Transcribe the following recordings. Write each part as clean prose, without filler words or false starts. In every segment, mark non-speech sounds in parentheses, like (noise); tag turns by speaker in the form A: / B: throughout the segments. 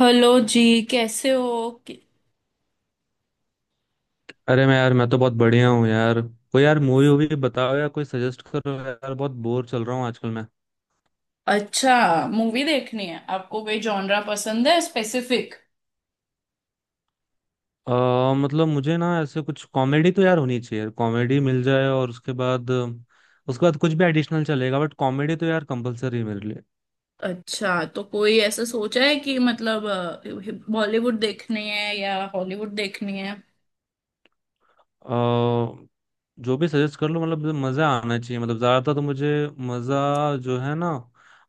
A: Hello जी। कैसे हो
B: अरे मैं यार मैं तो बहुत बढ़िया हूँ यार, कोई यार मूवी वूवी बताओ या कोई सजेस्ट करो यार, बहुत बोर चल रहा हूँ आजकल मैं।
A: अच्छा। मूवी देखनी है आपको? कोई जॉनरा पसंद है स्पेसिफिक?
B: मतलब मुझे ना ऐसे कुछ कॉमेडी तो यार होनी चाहिए, कॉमेडी मिल जाए और उसके बाद कुछ भी एडिशनल चलेगा, बट कॉमेडी तो यार कंपलसरी है मेरे लिए।
A: अच्छा, तो कोई ऐसा सोचा है कि मतलब बॉलीवुड देखनी है या हॉलीवुड देखनी है?
B: अ, जो भी सजेस्ट कर लो, मतलब मजा आना चाहिए, मतलब ज्यादातर तो मुझे मजा जो है ना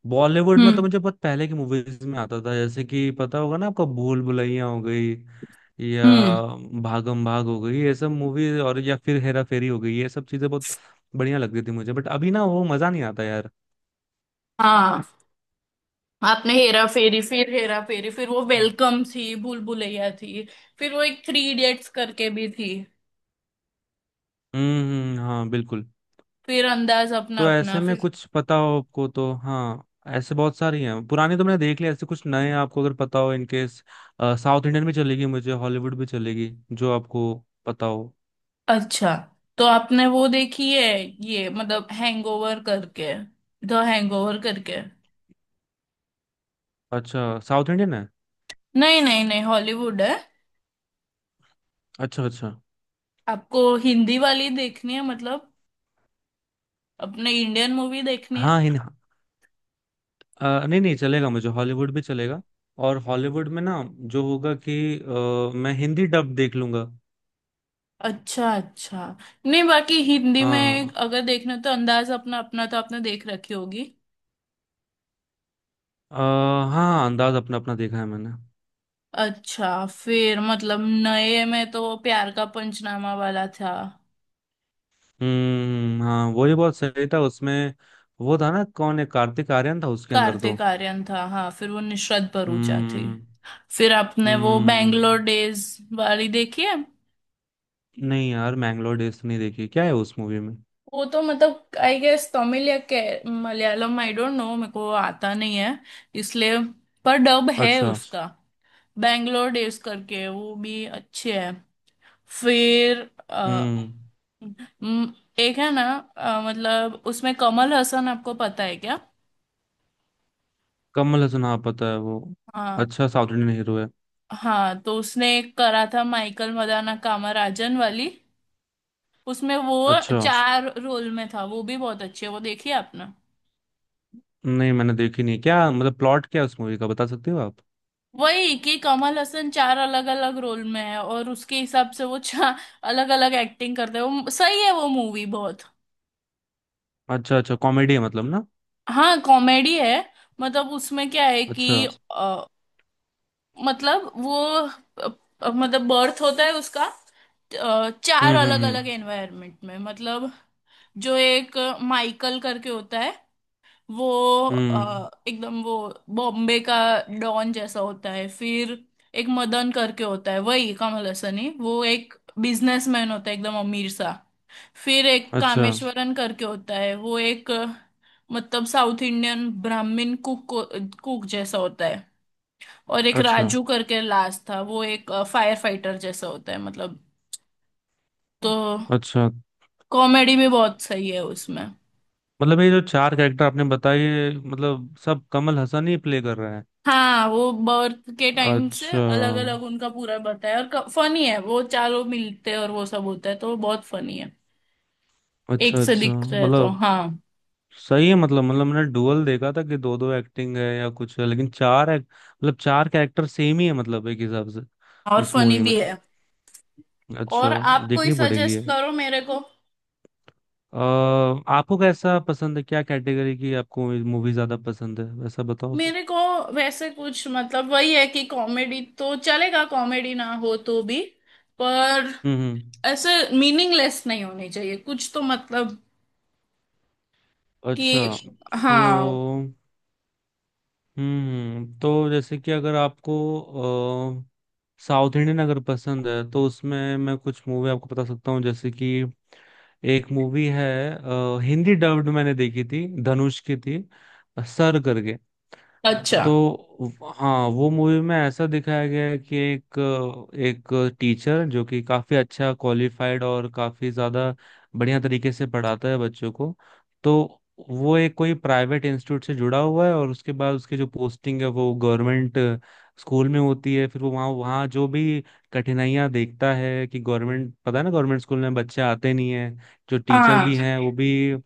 B: बॉलीवुड में तो
A: हम्म।
B: मुझे बहुत पहले की मूवीज में आता था, जैसे कि पता होगा ना आपको, भूल भुलैया हो गई या
A: हम्म।
B: भागम भाग हो गई ये सब मूवी, और या फिर हेरा फेरी हो गई ये सब चीजें बहुत बढ़िया लगती थी मुझे, बट अभी ना वो मजा नहीं आता यार।
A: हाँ। आपने हेरा फेरी, फिर हेरा फेरी, फिर वो वेलकम थी, भूल भुलैया थी, फिर वो एक थ्री इडियट्स करके भी थी।
B: हाँ बिल्कुल।
A: फिर अंदाज अपना
B: तो
A: अपना।
B: ऐसे में
A: फिर
B: कुछ पता हो आपको तो हाँ, ऐसे बहुत सारी हैं, पुराने तो मैंने देख लिया, ऐसे कुछ नए आपको अगर पता हो इनकेस, साउथ इंडियन भी चलेगी मुझे, हॉलीवुड भी चलेगी जो आपको पता हो।
A: अच्छा, तो आपने वो देखी है, ये मतलब हैंगओवर करके, द हैंगओवर करके?
B: अच्छा साउथ इंडियन है?
A: नहीं, नहीं, नहीं, हॉलीवुड है।
B: अच्छा अच्छा।
A: आपको हिंदी वाली देखनी है मतलब? अपने इंडियन मूवी देखनी है?
B: हाँ हिन नहीं नहीं, चलेगा मुझे, हॉलीवुड भी चलेगा। और हॉलीवुड में ना जो होगा कि मैं हिंदी डब देख लूंगा।
A: अच्छा, अच्छा। नहीं, बाकी हिंदी में
B: हाँ।
A: अगर देखना तो अंदाज अपना अपना तो आपने देख रखी होगी।
B: अ, हाँ, अंदाज अपना अपना देखा है मैंने।
A: अच्छा फिर मतलब, नए में तो प्यार का पंचनामा वाला था।
B: हाँ, वो ही बहुत सही था उसमें। वो था ना, कौन है, कार्तिक आर्यन था उसके अंदर तो।
A: कार्तिक आर्यन था, हाँ। फिर वो निशरत भरूचा थी।
B: हम्म।
A: फिर आपने वो
B: हम्म।
A: बैंगलोर डेज वाली देखी है?
B: नहीं यार, मैंगलोर डेज तो नहीं देखी, क्या है उस मूवी में?
A: वो तो मतलब आई गेस तमिल या के मलयालम, आई डोंट नो, मेरे को आता नहीं है इसलिए। पर डब है
B: अच्छा।
A: उसका। बैंगलोर डेज करके वो भी अच्छे है। फिर अ,
B: हम्म।
A: म, एक है ना? मतलब उसमें कमल हसन आपको पता है क्या?
B: कमल हसन, हाँ पता है वो।
A: हाँ।
B: अच्छा, साउथ इंडियन हीरो है।
A: हाँ, तो उसने एक करा था, माइकल मदाना कामराजन वाली। उसमें वो
B: अच्छा।
A: चार रोल में था। वो भी बहुत अच्छी है, वो देखिए आपने।
B: नहीं, मैंने देखी नहीं, क्या मतलब प्लॉट क्या है उस मूवी का, बता सकते हो आप?
A: वही कि कमल हसन चार अलग अलग रोल में है, और उसके हिसाब से वो चार अलग अलग एक्टिंग (laughs) करते हैं। वो सही है, वो मूवी बहुत
B: अच्छा अच्छा, कॉमेडी है मतलब ना?
A: हाँ कॉमेडी है। मतलब उसमें क्या है
B: अच्छा।
A: कि अ, मतलब वो अ, मतलब बर्थ होता है उसका, चार अलग
B: हम्म।
A: अलग एनवायरनमेंट में, मतलब जो एक माइकल करके होता है, वो
B: हम्म।
A: एकदम वो बॉम्बे का डॉन जैसा होता है। फिर एक मदन करके होता है, वही कमल हसन ही, वो एक बिजनेसमैन होता है एकदम अमीर सा। फिर एक
B: अच्छा
A: कामेश्वरन करके होता है, वो एक मतलब साउथ इंडियन ब्राह्मण कुक कुक जैसा होता है। और एक
B: अच्छा।
A: राजू करके लास्ट था, वो एक फायर फाइटर जैसा होता है मतलब। तो
B: अच्छा
A: कॉमेडी भी बहुत सही है उसमें।
B: मतलब, ये जो चार कैरेक्टर आपने बताए, ये मतलब सब कमल हसन ही प्ले कर रहे हैं?
A: हाँ, वो बर्थ के टाइम से
B: अच्छा
A: अलग अलग उनका पूरा बताया और फनी है। वो चारों मिलते हैं और वो सब होता है, तो वो बहुत फनी है। एक
B: अच्छा।
A: से
B: अच्छा
A: दिख रहे तो
B: मतलब
A: हाँ,
B: सही है, मतलब मतलब मैंने डुअल देखा था कि दो दो एक्टिंग है या कुछ है, लेकिन चार मतलब चार कैरेक्टर सेम ही है, मतलब एक हिसाब से
A: और
B: उस
A: फनी
B: मूवी में।
A: भी है। और
B: अच्छा,
A: आप कोई
B: देखनी पड़ेगी ये।
A: सजेस्ट करो मेरे को।
B: अ, आपको कैसा पसंद है, क्या कैटेगरी की आपको मूवी ज्यादा पसंद है, वैसा बताओ फिर।
A: मेरे को वैसे कुछ मतलब वही है कि कॉमेडी तो चलेगा, कॉमेडी ना हो तो भी, पर
B: हम्म।
A: ऐसे मीनिंगलेस नहीं होनी चाहिए कुछ तो मतलब,
B: अच्छा।
A: कि
B: सो
A: हाँ।
B: हम्म, तो जैसे कि अगर आपको अ, साउथ इंडियन अगर पसंद है तो उसमें मैं कुछ मूवी आपको बता सकता हूँ, जैसे कि एक मूवी है, हिंदी डब्ड मैंने देखी थी, धनुष की थी, सर करके।
A: अच्छा।
B: तो हाँ, वो मूवी में ऐसा दिखाया गया है कि एक एक टीचर जो कि काफी अच्छा क्वालिफाइड और काफी ज्यादा बढ़िया तरीके से पढ़ाता है बच्चों को। तो वो एक कोई प्राइवेट इंस्टीट्यूट से जुड़ा हुआ है, और उसके बाद उसकी जो पोस्टिंग है वो गवर्नमेंट स्कूल में होती है, फिर वो वहाँ वहाँ जो भी कठिनाइयाँ देखता है कि गवर्नमेंट, पता है ना, गवर्नमेंट स्कूल में बच्चे आते नहीं हैं, जो टीचर
A: हाँ।
B: भी हैं वो भी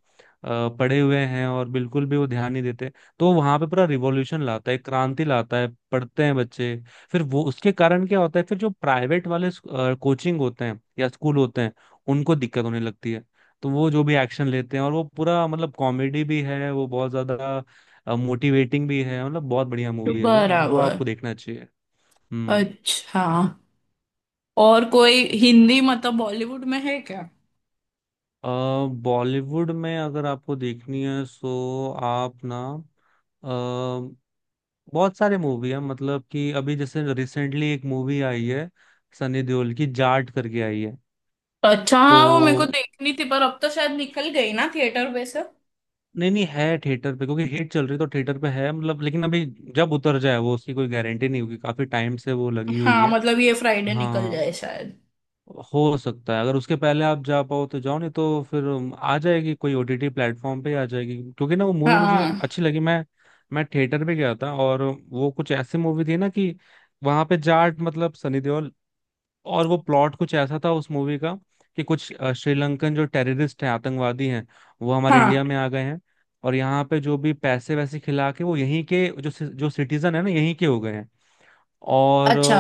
B: पढ़े हुए हैं और बिल्कुल भी वो ध्यान नहीं देते। तो वहां पे पूरा रिवॉल्यूशन लाता है, क्रांति लाता है, पढ़ते हैं बच्चे। फिर वो उसके कारण क्या होता है, फिर जो प्राइवेट वाले कोचिंग होते हैं या स्कूल होते हैं, उनको दिक्कत होने लगती है, तो वो जो भी एक्शन लेते हैं, और वो पूरा मतलब कॉमेडी भी है वो, बहुत ज्यादा मोटिवेटिंग भी है, मतलब बहुत बढ़िया मूवी है वो
A: बराबर।
B: आपको देखना चाहिए। हम्म।
A: अच्छा, और कोई हिंदी मतलब बॉलीवुड में है क्या?
B: अ, बॉलीवुड में अगर आपको देखनी है सो आप ना बहुत सारे मूवी है, मतलब कि अभी जैसे रिसेंटली एक मूवी आई है, सनी देओल की, जाट करके आई है।
A: अच्छा
B: तो
A: हाँ, वो मेरे को देखनी थी, पर अब तो शायद निकल गई ना थिएटर पे से।
B: नहीं, नहीं है थिएटर पे, क्योंकि हिट चल रही है तो थिएटर पे है मतलब, लेकिन अभी जब उतर जाए वो, उसकी कोई गारंटी नहीं होगी, काफी टाइम से वो लगी हुई
A: हाँ,
B: है।
A: मतलब ये फ्राइडे निकल
B: हाँ
A: जाए शायद।
B: हो सकता है, अगर उसके पहले आप जा पाओ तो जाओ, नहीं तो फिर आ जाएगी, कोई ओटीटी प्लेटफॉर्म पे आ जाएगी, क्योंकि ना वो मूवी मुझे
A: हाँ।
B: अच्छी लगी, मैं थिएटर पे गया था, और वो कुछ ऐसी मूवी थी ना कि वहां पे जाट मतलब सनी देओल, और वो प्लॉट कुछ ऐसा था उस मूवी का कि कुछ श्रीलंकन जो टेररिस्ट हैं, आतंकवादी हैं, वो हमारे
A: हाँ।
B: इंडिया में आ गए हैं, और यहाँ पे जो भी पैसे वैसे खिला के वो यहीं के जो जो सिटीजन है ना, यहीं के हो गए हैं, और
A: अच्छा।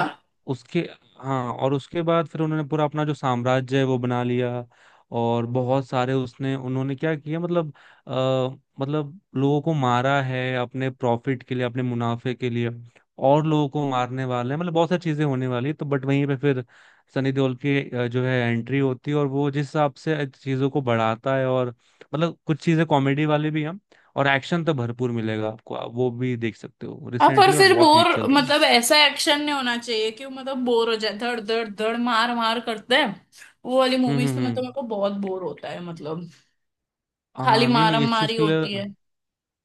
B: उसके हाँ, और उसके बाद फिर उन्होंने पूरा अपना जो साम्राज्य है वो बना लिया, और बहुत सारे उसने उन्होंने क्या किया मतलब, आ, मतलब लोगों को मारा है अपने प्रॉफिट के लिए, अपने मुनाफे के लिए, और लोगों को मारने वाले हैं, मतलब बहुत सारी चीजें होने वाली है, तो बट वहीं पे फिर सनी देओल की जो है एंट्री होती है, और वो जिस हिसाब से चीजों को बढ़ाता है, और मतलब कुछ चीजें कॉमेडी वाली भी हैं, और एक्शन तो भरपूर मिलेगा आपको, आप वो भी देख सकते हो,
A: हाँ पर
B: रिसेंटली और
A: फिर
B: बहुत
A: बोर,
B: हिट चल रही है।
A: मतलब ऐसा एक्शन नहीं होना चाहिए कि वो मतलब बोर हो जाए, धड़ धड़ धड़ मार मार करते हैं। वो वाली
B: हम्म
A: मूवीज
B: हम्म
A: तो मैं तो,
B: हम्म।
A: मेरे को बहुत बोर होता है मतलब, खाली
B: हाँ नहीं नहीं,
A: मारम
B: इस चीज
A: मारी
B: के
A: होती
B: लिए,
A: है।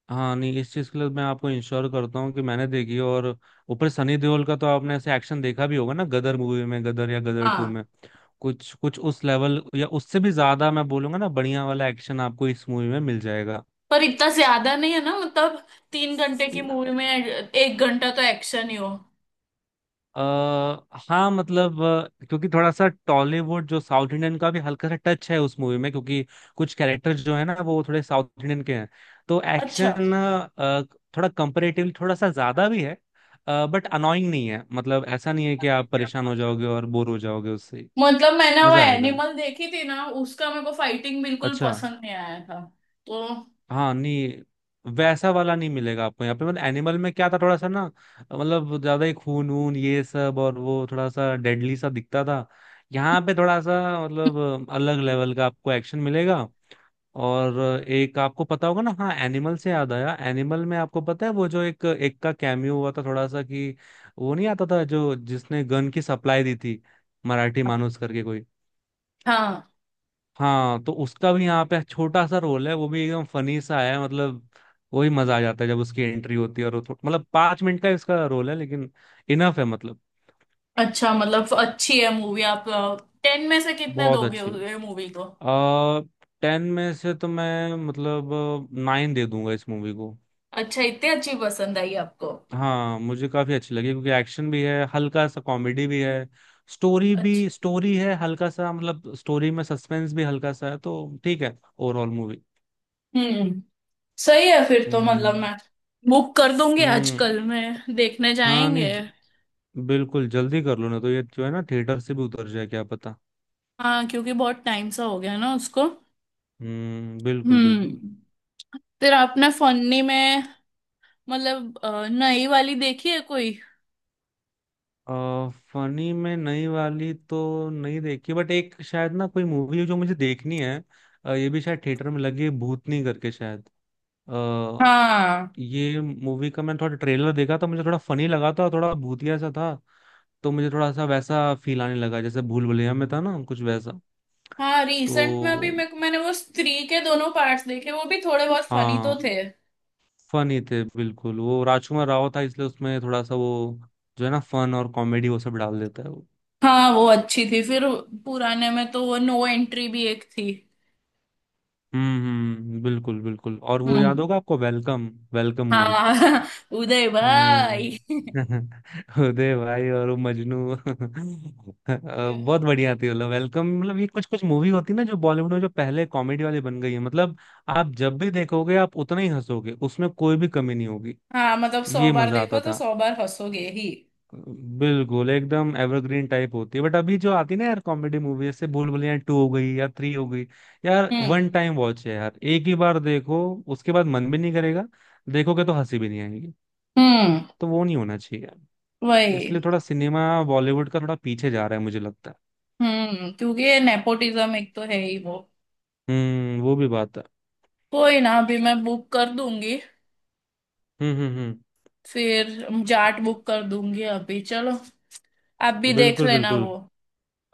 B: हाँ नहीं, इस चीज के लिए मैं आपको इंश्योर करता हूँ कि मैंने देखी है, और ऊपर सनी देओल का तो आपने ऐसे एक्शन देखा भी होगा ना गदर मूवी में, गदर या गदर टू
A: हाँ
B: में, कुछ कुछ उस लेवल या उससे भी ज्यादा मैं बोलूंगा ना, बढ़िया वाला एक्शन आपको इस मूवी में मिल जाएगा।
A: पर इतना ज्यादा नहीं है ना मतलब, 3 घंटे की मूवी में 1 घंटा तो एक्शन ही हो।
B: अ हाँ मतलब, क्योंकि थोड़ा सा टॉलीवुड जो साउथ इंडियन का भी हल्का सा टच है उस मूवी में, क्योंकि कुछ कैरेक्टर्स जो है ना वो थोड़े साउथ इंडियन के हैं, तो
A: अच्छा,
B: एक्शन थोड़ा कंपेरेटिवली थोड़ा सा ज्यादा भी है, बट अनोइंग नहीं है, मतलब ऐसा नहीं है कि आप परेशान हो जाओगे और बोर हो जाओगे उससे,
A: मतलब मैंने वो
B: मजा आएगा।
A: एनिमल देखी थी ना, उसका मेरे को फाइटिंग बिल्कुल
B: अच्छा,
A: पसंद नहीं आया था तो।
B: हाँ नहीं, वैसा वाला नहीं मिलेगा आपको यहाँ पे, मतलब एनिमल में क्या था थोड़ा सा ना, मतलब ज्यादा ही खून वून ये सब, और वो थोड़ा सा डेडली सा दिखता था, यहाँ पे थोड़ा सा मतलब अलग लेवल का आपको एक्शन मिलेगा। और एक आपको पता होगा ना, हाँ, एनिमल से याद आया, एनिमल में आपको पता है वो जो एक एक का कैमियो हुआ था थोड़ा सा, कि वो नहीं आता था जो जिसने गन की सप्लाई दी थी, मराठी मानुस करके कोई।
A: हाँ।
B: हाँ, तो उसका भी यहाँ पे छोटा सा रोल है, वो भी एकदम फनी सा है मतलब, वही मजा आ जाता है जब उसकी एंट्री होती है, और वो मतलब 5 मिनट का इसका रोल है, लेकिन इनफ है मतलब।
A: अच्छा, मतलब अच्छी है मूवी? आप 10 में से कितने
B: बहुत
A: दोगे
B: अच्छी है।
A: ये मूवी को?
B: आ, 10 में से तो मैं मतलब 9 दे दूंगा इस मूवी को।
A: अच्छा, इतनी अच्छी पसंद आई आपको?
B: हाँ मुझे काफी अच्छी लगी, क्योंकि एक्शन भी है हल्का सा, कॉमेडी भी है, स्टोरी
A: अच्छा।
B: भी, स्टोरी है हल्का सा मतलब, स्टोरी में सस्पेंस भी हल्का सा है, तो ठीक है ओवरऑल मूवी।
A: हम्म, सही है फिर तो, मतलब
B: हम्म।
A: मैं बुक कर दूंगी
B: हम्म।
A: आजकल, मैं देखने
B: हाँ नहीं,
A: जाएंगे।
B: बिल्कुल जल्दी कर लो ना, तो ये जो है ना थिएटर से भी उतर जाए क्या पता।
A: हाँ, क्योंकि बहुत टाइम सा हो गया ना उसको।
B: हम्म, बिल्कुल बिल्कुल।
A: हम्म। फिर आपने फन्नी में मतलब नई वाली देखी है कोई?
B: फनी में नई वाली तो नहीं देखी, बट एक शायद ना कोई मूवी है जो मुझे देखनी है, ये भी शायद थिएटर में लगी है, भूतनी करके शायद। आ,
A: हाँ।
B: ये मूवी का मैंने थोड़ा ट्रेलर देखा था, मुझे थोड़ा फनी लगा था और थोड़ा भूतिया सा था, तो मुझे थोड़ा सा वैसा फील आने लगा जैसे भूल भुलैया में था ना, कुछ वैसा।
A: हाँ, रिसेंट में अभी
B: तो
A: मैंने वो स्त्री के दोनों पार्ट्स देखे, वो भी थोड़े बहुत फनी तो
B: हाँ,
A: थे।
B: फनी थे बिल्कुल, वो राजकुमार राव था इसलिए उसमें थोड़ा सा वो जो है ना फन और कॉमेडी वो सब डाल देता है वो।
A: हाँ, वो अच्छी थी। फिर पुराने में तो वो नो एंट्री भी एक थी।
B: हम्म, बिल्कुल बिल्कुल, और वो याद
A: हम्म।
B: होगा आपको वेलकम, वेलकम मूवी।
A: हाँ। (laughs) उदय
B: हम्म।
A: भाई।
B: (laughs) उदय भाई और वो मजनू, (laughs) बहुत बढ़िया थी मतलब, वेलकम मतलब ये कुछ कुछ मूवी होती है ना जो बॉलीवुड में जो पहले कॉमेडी वाली बन गई है, मतलब आप जब भी देखोगे आप उतना ही हंसोगे, उसमें कोई भी कमी नहीं होगी।
A: हाँ मतलब, सौ
B: ये
A: बार
B: मजा
A: देखो
B: आता
A: तो
B: था।
A: 100 बार हंसोगे ही।
B: बिल्कुल एकदम एवरग्रीन टाइप होती है, बट अभी जो आती है ना यार कॉमेडी मूवी, जैसे भूल भुलैया टू हो गई या थ्री हो गई, यार
A: हम्म।
B: वन टाइम वॉच है यार, एक ही बार देखो, उसके बाद मन भी नहीं करेगा, देखोगे तो हंसी भी नहीं आएगी,
A: हम्म।
B: तो वो नहीं होना चाहिए यार। इसलिए
A: वही।
B: थोड़ा सिनेमा, बॉलीवुड का थोड़ा पीछे जा रहा है मुझे लगता है।
A: हम्म, क्योंकि ये नेपोटिज्म एक तो है ही वो।
B: हम्म, वो भी बात है।
A: कोई ना, अभी मैं बुक कर दूंगी
B: हम्म,
A: फिर। जाट बुक कर दूंगी अभी, चलो। आप भी देख
B: बिल्कुल
A: लेना वो।
B: बिल्कुल।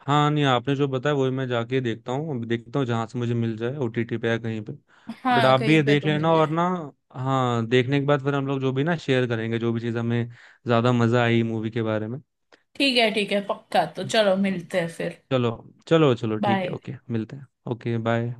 B: हाँ नहीं, आपने जो बताया वही मैं जाके देखता हूँ अब, देखता हूँ जहां से मुझे मिल जाए, ओटीटी पे या कहीं पे, बट
A: हाँ,
B: आप भी ये
A: कहीं पे
B: देख
A: तो
B: लेना
A: मिल
B: और
A: जाए।
B: ना, हाँ देखने के बाद फिर हम लोग जो भी ना शेयर करेंगे जो भी चीज़ हमें ज्यादा मजा आई मूवी के बारे में।
A: ठीक है। ठीक है पक्का, तो चलो मिलते हैं फिर।
B: चलो चलो चलो, ठीक है,
A: बाय।
B: ओके, मिलते हैं। Okay bye.